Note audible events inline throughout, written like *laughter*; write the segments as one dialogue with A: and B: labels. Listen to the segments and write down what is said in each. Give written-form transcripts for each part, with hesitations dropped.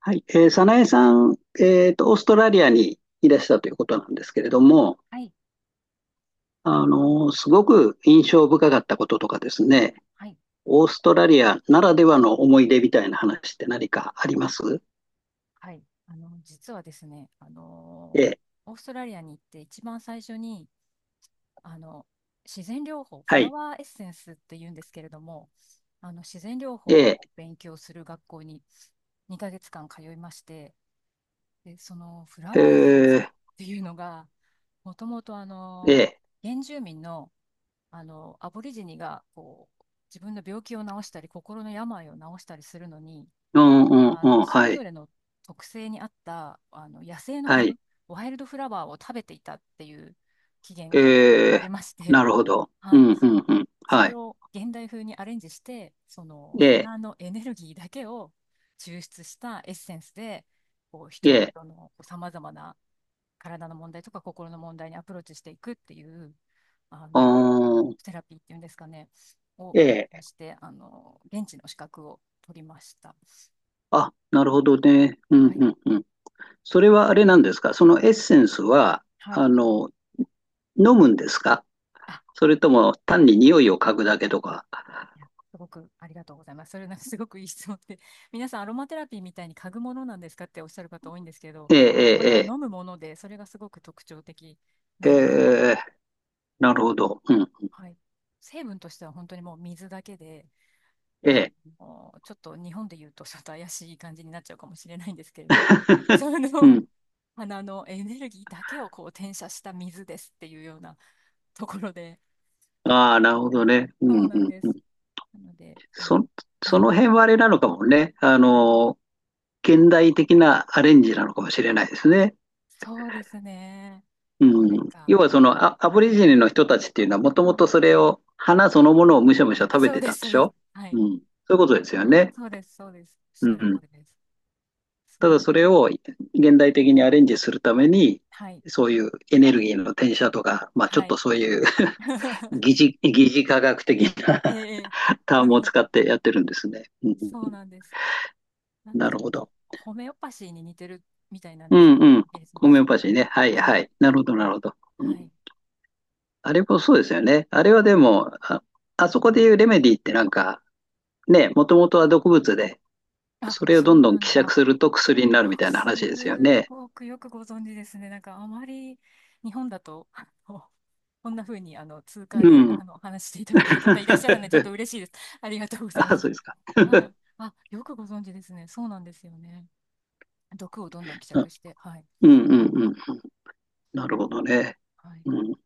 A: はい。早苗さん、オーストラリアにいらしたということなんですけれども、
B: はい、
A: すごく印象深かったこととかですね、
B: はい、
A: オーストラリアならではの思い出みたいな話って何かあります？
B: はい。実はですね、
A: ええ、
B: オーストラリアに行って一番最初に、あの、自然療法、
A: は
B: フラ
A: い。
B: ワーエッセンスって言うんですけれども、自然療
A: え
B: 法を
A: え、
B: 勉強する学校に2ヶ月間通いまして、で、そのフラ
A: え
B: ワーエッセンスっ
A: え、
B: ていうのが、もともと
A: ええ、
B: 原住民の、アボリジニが、こう、自分の病気を治したり、心の病を治したりするのに、
A: うんうんうん、
B: それ
A: は
B: ぞ
A: い、
B: れの特性に合った、野生の
A: は
B: 花、
A: い。
B: ワイルドフラワーを食べていたっていう起源が
A: え
B: あり
A: え、
B: まして、
A: なるほど。
B: *laughs*
A: う
B: はい。
A: んうんうん、
B: そ
A: は
B: れ
A: い。
B: を現代風にアレンジして、その
A: ええ、
B: 花のエネルギーだけを抽出したエッセンスで、こう、
A: え
B: 人
A: え、
B: 々のさまざまな体の問題とか心の問題にアプローチしていくっていう、あ
A: あ
B: の、
A: ー、
B: セラピーっていうんですかね、を勉
A: え
B: 強
A: え、
B: して、現地の資格を取りました。
A: あ、なるほどね。うん
B: はい。
A: うんうん。それはあれなんですか、そのエッセンスは、
B: はい。
A: あの、飲むんですか？
B: あ、
A: それとも単に匂いを嗅ぐだけとか。
B: いや、すごくありがとうございます。それなんかすごくいい質問で、*laughs* 皆さんアロマテラピーみたいに嗅ぐものなんですかっておっしゃる方多いんですけど、これは
A: ええ、え
B: 飲むもので、それがすごく特徴的
A: え、え
B: な
A: え、
B: んですね。
A: ええ、なるほど。うん。
B: はい。成分としては本当にもう水だけで、
A: え
B: あ
A: え。
B: ちょっと日本で言うと *laughs* ちょっと怪しい感じになっちゃうかもしれないんですけれども、
A: *laughs*
B: そ
A: う
B: の
A: ん。
B: 花 *laughs* のエネルギーだけをこう転写した水ですっていうようなところで、
A: ああ、なるほどね。う
B: そ
A: ん
B: う
A: う
B: なん
A: ん
B: で
A: う
B: す。
A: ん。
B: なので、
A: そ、
B: え
A: そ
B: え、
A: の辺はあれなのかもね。現代的なアレンジなのかもしれないですね。
B: そうですね。
A: う
B: なん
A: ん。
B: か、
A: 要はそのアボリジニの人たちっていうのはもともとそれを、花そのものをむしゃむし
B: は
A: ゃ
B: い、あ、あ
A: 食べ
B: そう
A: て
B: で
A: たん
B: す、
A: で
B: そう
A: し
B: です。
A: ょ？
B: は
A: う
B: い。
A: ん。そういうことですよね。
B: そうです、そうです。おっ
A: う
B: しゃる通
A: ん。
B: りです。そ
A: た
B: う、
A: だそれを現代的にアレンジするために、
B: はい、
A: そういうエネルギーの転写とか、まあ、ちょっ
B: は
A: と
B: い。
A: そういう *laughs*
B: *laughs*
A: 疑似、科学的な
B: ええ。
A: *laughs* タームを使
B: *laughs*
A: ってやってるんですね。うん。
B: そうなんです。なんか
A: な
B: ち
A: る
B: ょっ
A: ほ
B: と、
A: ど。
B: ホメオパシーに似てるみたいなん
A: う
B: です。
A: んうん。
B: いいですね。
A: ホメオパシ
B: は
A: ー
B: い、
A: ね。はい
B: は
A: は
B: い、
A: い。なるほど、なるほど。う
B: は
A: ん。
B: い。
A: あれ
B: で、
A: もそうですよね。あれはでも、あそこでいうレメディってなんか、ね、もともとは毒物で、
B: あ、
A: それを
B: そ
A: どん
B: う
A: どん
B: なんで
A: 希
B: す。
A: 釈
B: あ、
A: すると薬になるみ
B: よく、
A: たいな話ですよ
B: す
A: ね。
B: ごくよくご存知ですね。なんか、あまり日本だと、*laughs* こんな風に、通貨で、
A: うん。
B: お話ししていただける方いらっしゃらない。ちょっと
A: *laughs*
B: 嬉しいです。ありがとうござい
A: あ、
B: ます。
A: そうですか。
B: はい。あ、よくご存知ですね。そうなんですよね。毒をどんどん希
A: うん
B: 釈して、はい。
A: うんうんうん。な
B: う
A: るほ
B: ん、
A: どね。
B: はい。
A: うん、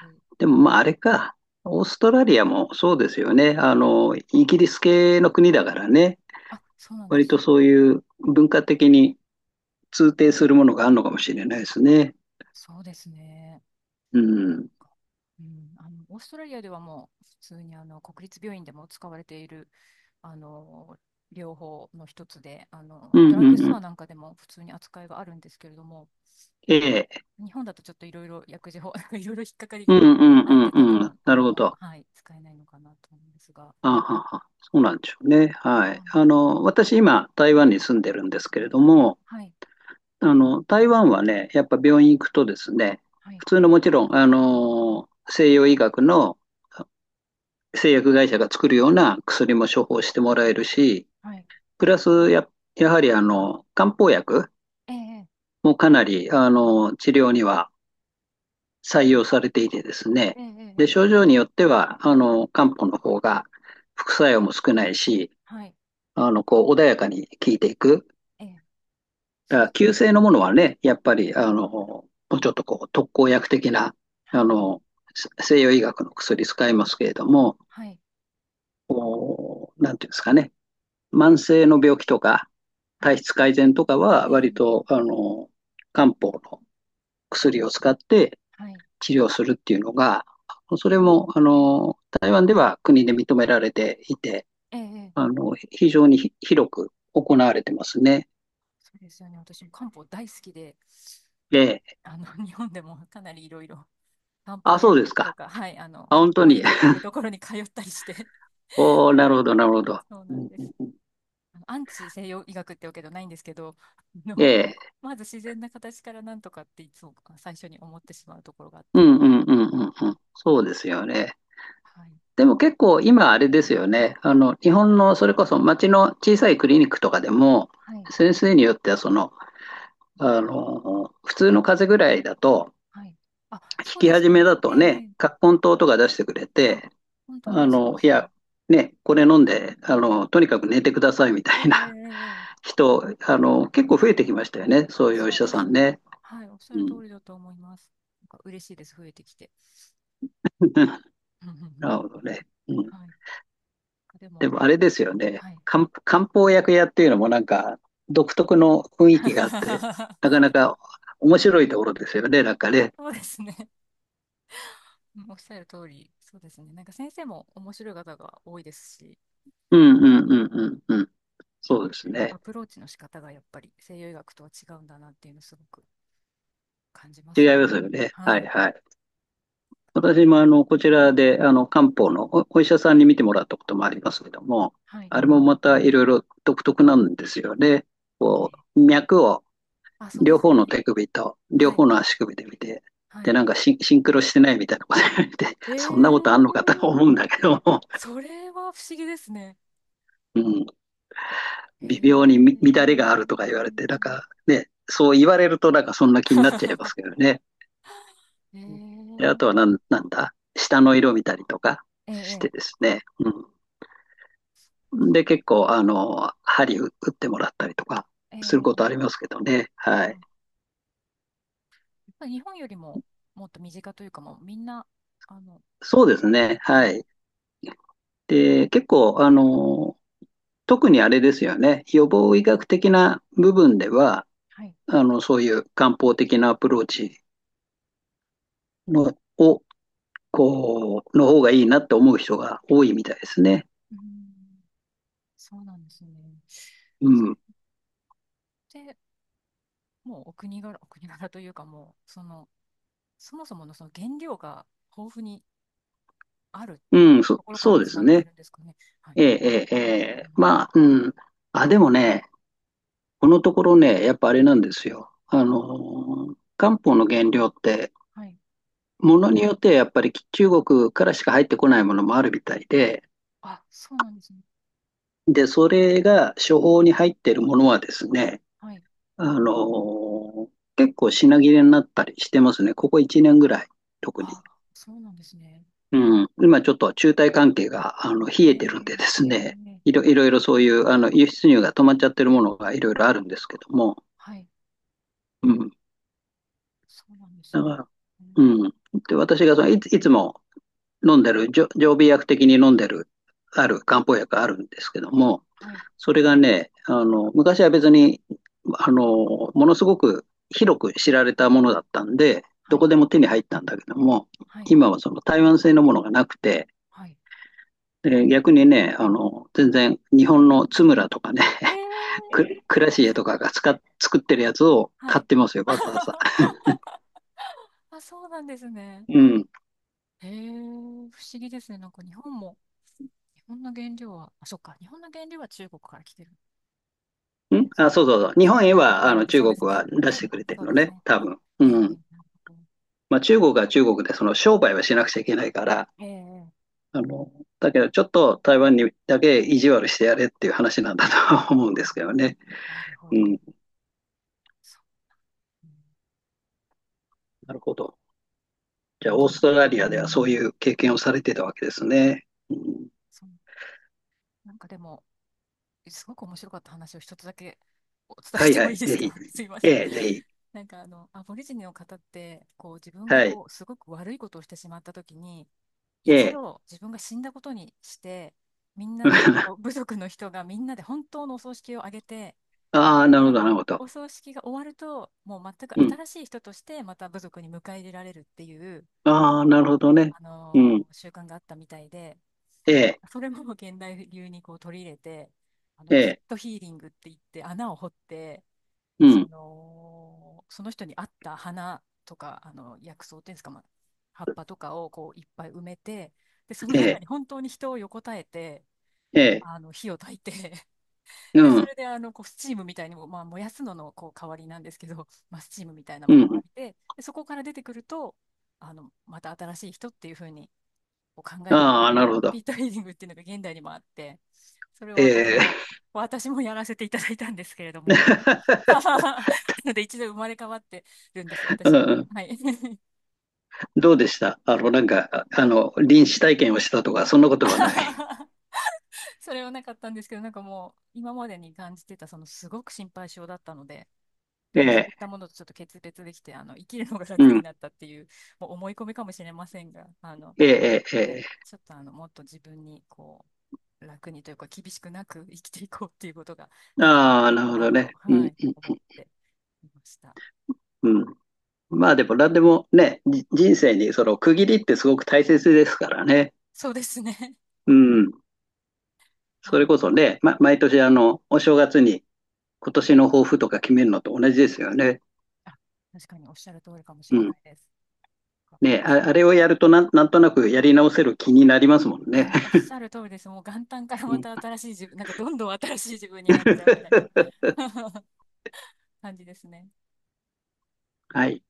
B: で、
A: で
B: な
A: も、
B: んか、
A: まあ、あれか。オーストラリアもそうですよね。イギリス系の国だからね。
B: あ、そうなんで
A: 割と
B: す。
A: そういう文化的に通底するものがあるのかもしれないですね。
B: そうですね。
A: うん。
B: か、うん、オーストラリアではもう、普通に国立病院でも使われている、あの、療法の一つで、
A: う
B: ド
A: ん
B: ラッ
A: う
B: グ
A: ん
B: ス
A: う
B: トア
A: ん。
B: なんかでも普通に扱いがあるんですけれども、
A: ええ。
B: 日本だとちょっといろいろ薬事法、*laughs* いろいろ引っかかり
A: うん
B: が
A: うん
B: あ
A: う
B: って、多
A: んうん。
B: 分、
A: なるほど。
B: はい、使えないのかなと思うんですが、
A: あはは。そうなんでしょうね。
B: は
A: はい。
B: い、
A: 私今、台湾に住んでるんですけれども、
B: はい、
A: 台湾はね、やっぱ病院行くとですね、
B: は
A: 普
B: い。
A: 通のもちろん、西洋医学の製薬会社が作るような薬も処方してもらえるし、
B: はい、
A: プラスやはり漢方薬
B: ええ、
A: もかなり、治療には採
B: え
A: 用されていてですね、
B: え、ええ、
A: で、
B: え
A: 症
B: え、
A: 状によっては、漢方の方が副作用も少ないし、
B: はい、
A: こう、穏やかに効いていく。
B: ええ、
A: だ
B: そ
A: か
B: う、
A: ら、急性のものはね、やっぱり、もうちょっとこう、特効薬的な、
B: は
A: あ
B: い、
A: の、西洋医学の薬使いますけれども、
B: はい、
A: なんていうんですかね、慢性の病気とか、
B: は
A: 体
B: い、
A: 質改善とかは、
B: ええ、
A: 割と、漢方の薬を使って
B: はい、
A: 治療するっていうのが、それも、台湾では国で認められていて、
B: ええ、
A: 非常に広く行われてますね。
B: そうですよね。私も漢方大好きで、
A: で、
B: 日本でもかなりいろいろ漢
A: あ、
B: 方
A: そ
B: 薬
A: うです
B: 局と
A: か。
B: か、はい、
A: あ、
B: 漢
A: 本当
B: 方医
A: に。
B: のいる
A: *laughs*
B: ところに通ったりして、*laughs*
A: おー、なるほど、なるほど。
B: そうなんです。アンチ西洋医学ってわけじゃないんですけど、
A: ええ、
B: *laughs* まず自然な形からなんとかっていつも最初に思ってしまうところがあっ
A: う
B: て、
A: んうんうんうん
B: はい、
A: うん。そうですよね。
B: はい、
A: でも結構今あれですよね。日本のそれこそ町の小さいクリニックとかでも、
B: はい、
A: 先生によってはその、普通の風邪ぐらいだと、
B: はい。あ、
A: 引
B: そう
A: き
B: です
A: 始
B: よ
A: め
B: ね。
A: だ
B: え
A: と
B: え、
A: ね、
B: え、
A: 葛根湯とか出してくれ
B: あ、
A: て、
B: 本当にそうで
A: い
B: す
A: や、
B: ね。
A: ね、これ飲んで、とにかく寝てくださいみた
B: ええ、え
A: いな
B: え、え
A: *laughs*
B: え、
A: 人、結構増えてきましたよね。そういうお医
B: そう
A: 者
B: で
A: さ
B: す
A: ん
B: ね。
A: ね。
B: はい、おっしゃ
A: う
B: る通
A: ん。
B: りだと思います。なんか嬉しいです、増えてきて。
A: *laughs* なるほどね。う
B: *laughs*
A: ん。
B: はい。で
A: で
B: も、
A: もあれですよね。
B: はい。
A: 漢方薬屋っていうのもなんか独特の雰囲気があって、な
B: *laughs*
A: かなか面白いところですよね、なんかね。
B: そうですね。うん、おっしゃる通り、そうですね。なんか先生も面白い方が多いですし、
A: うんうんうんうんうん。そうです
B: なんか
A: ね。
B: アプローチの仕方がやっぱり西洋医学とは違うんだなっていうのをすごく感じま
A: 違
B: す
A: い
B: ね。
A: ますよね。は
B: は
A: い
B: い。
A: はい。私もこちらで漢方のお医者さんに見てもらったこともありますけども、
B: はい。
A: あれもまたいろいろ独特なんですよね。こう、脈を
B: あ、そうで
A: 両
B: す
A: 方
B: よ
A: の
B: ね。
A: 手首と、両
B: はい。
A: 方の足首で見て、
B: は
A: で、
B: い。
A: なんかシンクロしてないみたいなこと言われて、そんなことあ
B: え
A: んの
B: え、
A: かと思うんだけども、
B: それは不思議ですね。
A: うん、
B: え
A: 微妙に乱れ
B: ー。
A: があるとか言われて、なんかね、そう言われるとなんかそんな気になっちゃいます
B: *laughs*
A: けどね。
B: え
A: で、あ
B: ー、
A: とはなんだ、下の色見たりとかして
B: ええ、
A: ですね、うん。で、結構、針打ってもらったりとか
B: ええ、え
A: することあ
B: え、
A: りますけどね、はい。
B: はい。やっぱり日本よりももっと身近というか、もうみんな、あの、
A: そうですね、
B: は
A: は
B: い、
A: い。で、結構、特にあれですよね、予防医学的な部分では、
B: はい、
A: そういう漢方的なアプローチの、を、こう、の方がいいなって思う人が多いみたいですね。
B: うん、そうなんですね。
A: うん。
B: で、もうお国柄、お国柄というか、もう、そもそものその原料が豊富にある
A: うん、そ、
B: ところから
A: そうで
B: 始ま
A: す
B: って
A: ね。
B: るんですかね。はい。
A: ええ、ええ、え
B: う
A: え。
B: ん、
A: まあ、うん。あ、でもね、このところね、やっぱあれ
B: はい、
A: なんですよ。漢方の原料って、
B: はい。
A: ものによってはやっぱり中国からしか入ってこないものもあるみたいで、
B: あ、そうなんですね。
A: で、それが処方に入っているものはですね、
B: はい。
A: あの、結構品切れになったりしてますね。ここ1年ぐらい、特に。
B: あ、そうなんですね。
A: うん。今ちょっと中台関係が、冷
B: ええ、
A: えてるんでです
B: ええ、
A: ね、
B: え
A: い
B: え、
A: ろいろいろそういう、輸出入が止まっちゃってるものがいろいろあるんですけども、
B: はい、
A: うん。
B: そうなんですね。
A: だから、
B: うん、
A: うん。で、私がその、いつも飲んでる、常備薬的に飲んでる、ある漢方薬があるんですけども、
B: はい、
A: それがね、昔は別に、あの、ものすごく広く知られたものだったんで、
B: は
A: どこ
B: い、
A: でも手に入ったんだけども、
B: はい、
A: 今はその台湾製のものがなくて、
B: はい。
A: で逆にね、全然日本の津村とかね、*laughs*
B: ええ、
A: くシエとかが作ってるやつを
B: は
A: 買っ
B: い。
A: てますよ、
B: *laughs* あ
A: わざわ
B: は
A: ざ。
B: は、あ、そうなんですね。
A: うん。
B: ええ、不思議ですね。なんか日本も、日本の原料は、あ、そっか、日本の原料は中国から来てるんですか
A: そう
B: ね。
A: そうそう。日本へ
B: なるほど、
A: は、
B: なるほど、
A: 中
B: そうで
A: 国
B: す
A: は
B: ね。
A: 出し
B: で、
A: てくれて
B: そ
A: る
B: う
A: の
B: です
A: ね、
B: ね。
A: 多分。う
B: ええ、え
A: ん。
B: え、なるほど。
A: まあ、中国は中国で、その商売はしなくちゃいけないから、
B: ええ、
A: あの、だけどちょっと台湾にだけ意地悪してやれっていう話なんだとは思うんですけどね。
B: なるほ
A: う
B: ど。
A: ん、
B: そう、うん、
A: なるほど。じゃあ、オーストラリアではそういう経験をされてたわけですね。うん、
B: そう、なんかでも、すごく面白かった話を一つだけお伝え
A: は
B: し
A: い
B: て
A: は
B: もいい
A: い、
B: で
A: ぜ
B: す
A: ひ。
B: か？ *laughs* すいません。
A: ええ、ぜひ。
B: なんかアボリジニの方って、こう自分が
A: はい、
B: こう、すごく悪いことをしてしまった時に、
A: え
B: 一
A: え。
B: 度自分が死んだことにして、みんなで、こう
A: *laughs*
B: 部族の人がみんなで本当のお葬式をあげて、
A: ああ、な
B: そ
A: るほ
B: の
A: ど、なるほど。
B: お葬式が終わると、もう全く
A: うん。
B: 新しい人としてまた部族に迎え入れられるっていう、
A: ああ、なるほどね。うん。
B: 習慣があったみたいで、
A: ええ、
B: それも現代流にこう取り入れて、
A: え
B: ピッ
A: え、
B: トヒーリングって言って穴を掘って、
A: うん。
B: その人に合った花とか、薬草っていうんですか、まあ、葉っぱとかをこういっぱい埋めて、で、その
A: え
B: 中
A: え、
B: に本当に人を横たえて、
A: ええ、
B: 火を焚いて *laughs*
A: う
B: で、そ
A: ん。
B: れでこうスチームみたいにも、まあ、燃やすののこう代わりなんですけど、まあ、スチームみたいな
A: う
B: ものを
A: ん。
B: 浴びて、で、そこから出てくると、また新しい人っていう風にを考えるって
A: ああ、
B: い
A: なる
B: う
A: ほ
B: ピ
A: ど。
B: ートリーディングっていうのが現代にもあって、それを私
A: え
B: も、
A: え。
B: 私もやらせていただいたんですけれども。 *laughs*。
A: *laughs*
B: なので一度生まれ変わってるんです、
A: う
B: 私。
A: ん。
B: はい。 *laughs*。
A: どうでした？なんか、臨死体験をしたとか、そんなことはない？
B: それはなかったんですけど、なんかもう今までに感じてたすごく心配性だったので、
A: *laughs* え
B: そう
A: え、
B: いったものとちょっと決別できて、生きるのが
A: う
B: 楽に
A: ん、
B: なったっていう、もう思い込みかもしれませんが、
A: ええ、ええ、
B: はい、
A: え
B: ちょっともっと自分にこう楽にというか厳しくなく *laughs* 生きていこうっていうことが
A: え。
B: できるように
A: ああ、
B: なっ
A: なる
B: た
A: ほど
B: なと、
A: ね。う
B: は
A: ん、
B: い、思っていました。
A: うん、うん。まあでも、なんでもね、人生にその区切りってすごく大切ですからね。
B: そうですね。*laughs*
A: うん。
B: は
A: それ
B: い。
A: こそね、毎年お正月に今年の抱負とか決めるのと同じですよね。
B: あ、確かにおっしゃる通りかもし
A: う
B: れな
A: ん。
B: いです。か、
A: ね、
B: 私、い
A: あれをやるとなんとなくやり直せる気になりますもん
B: や、
A: ね。
B: もうおっしゃる通りです。もう元旦から
A: *laughs* う
B: ま
A: ん
B: た新しい自分、なんかどんどん新しい自分になっちゃうみたい
A: *laughs*
B: な *laughs* 感じですね。
A: はい。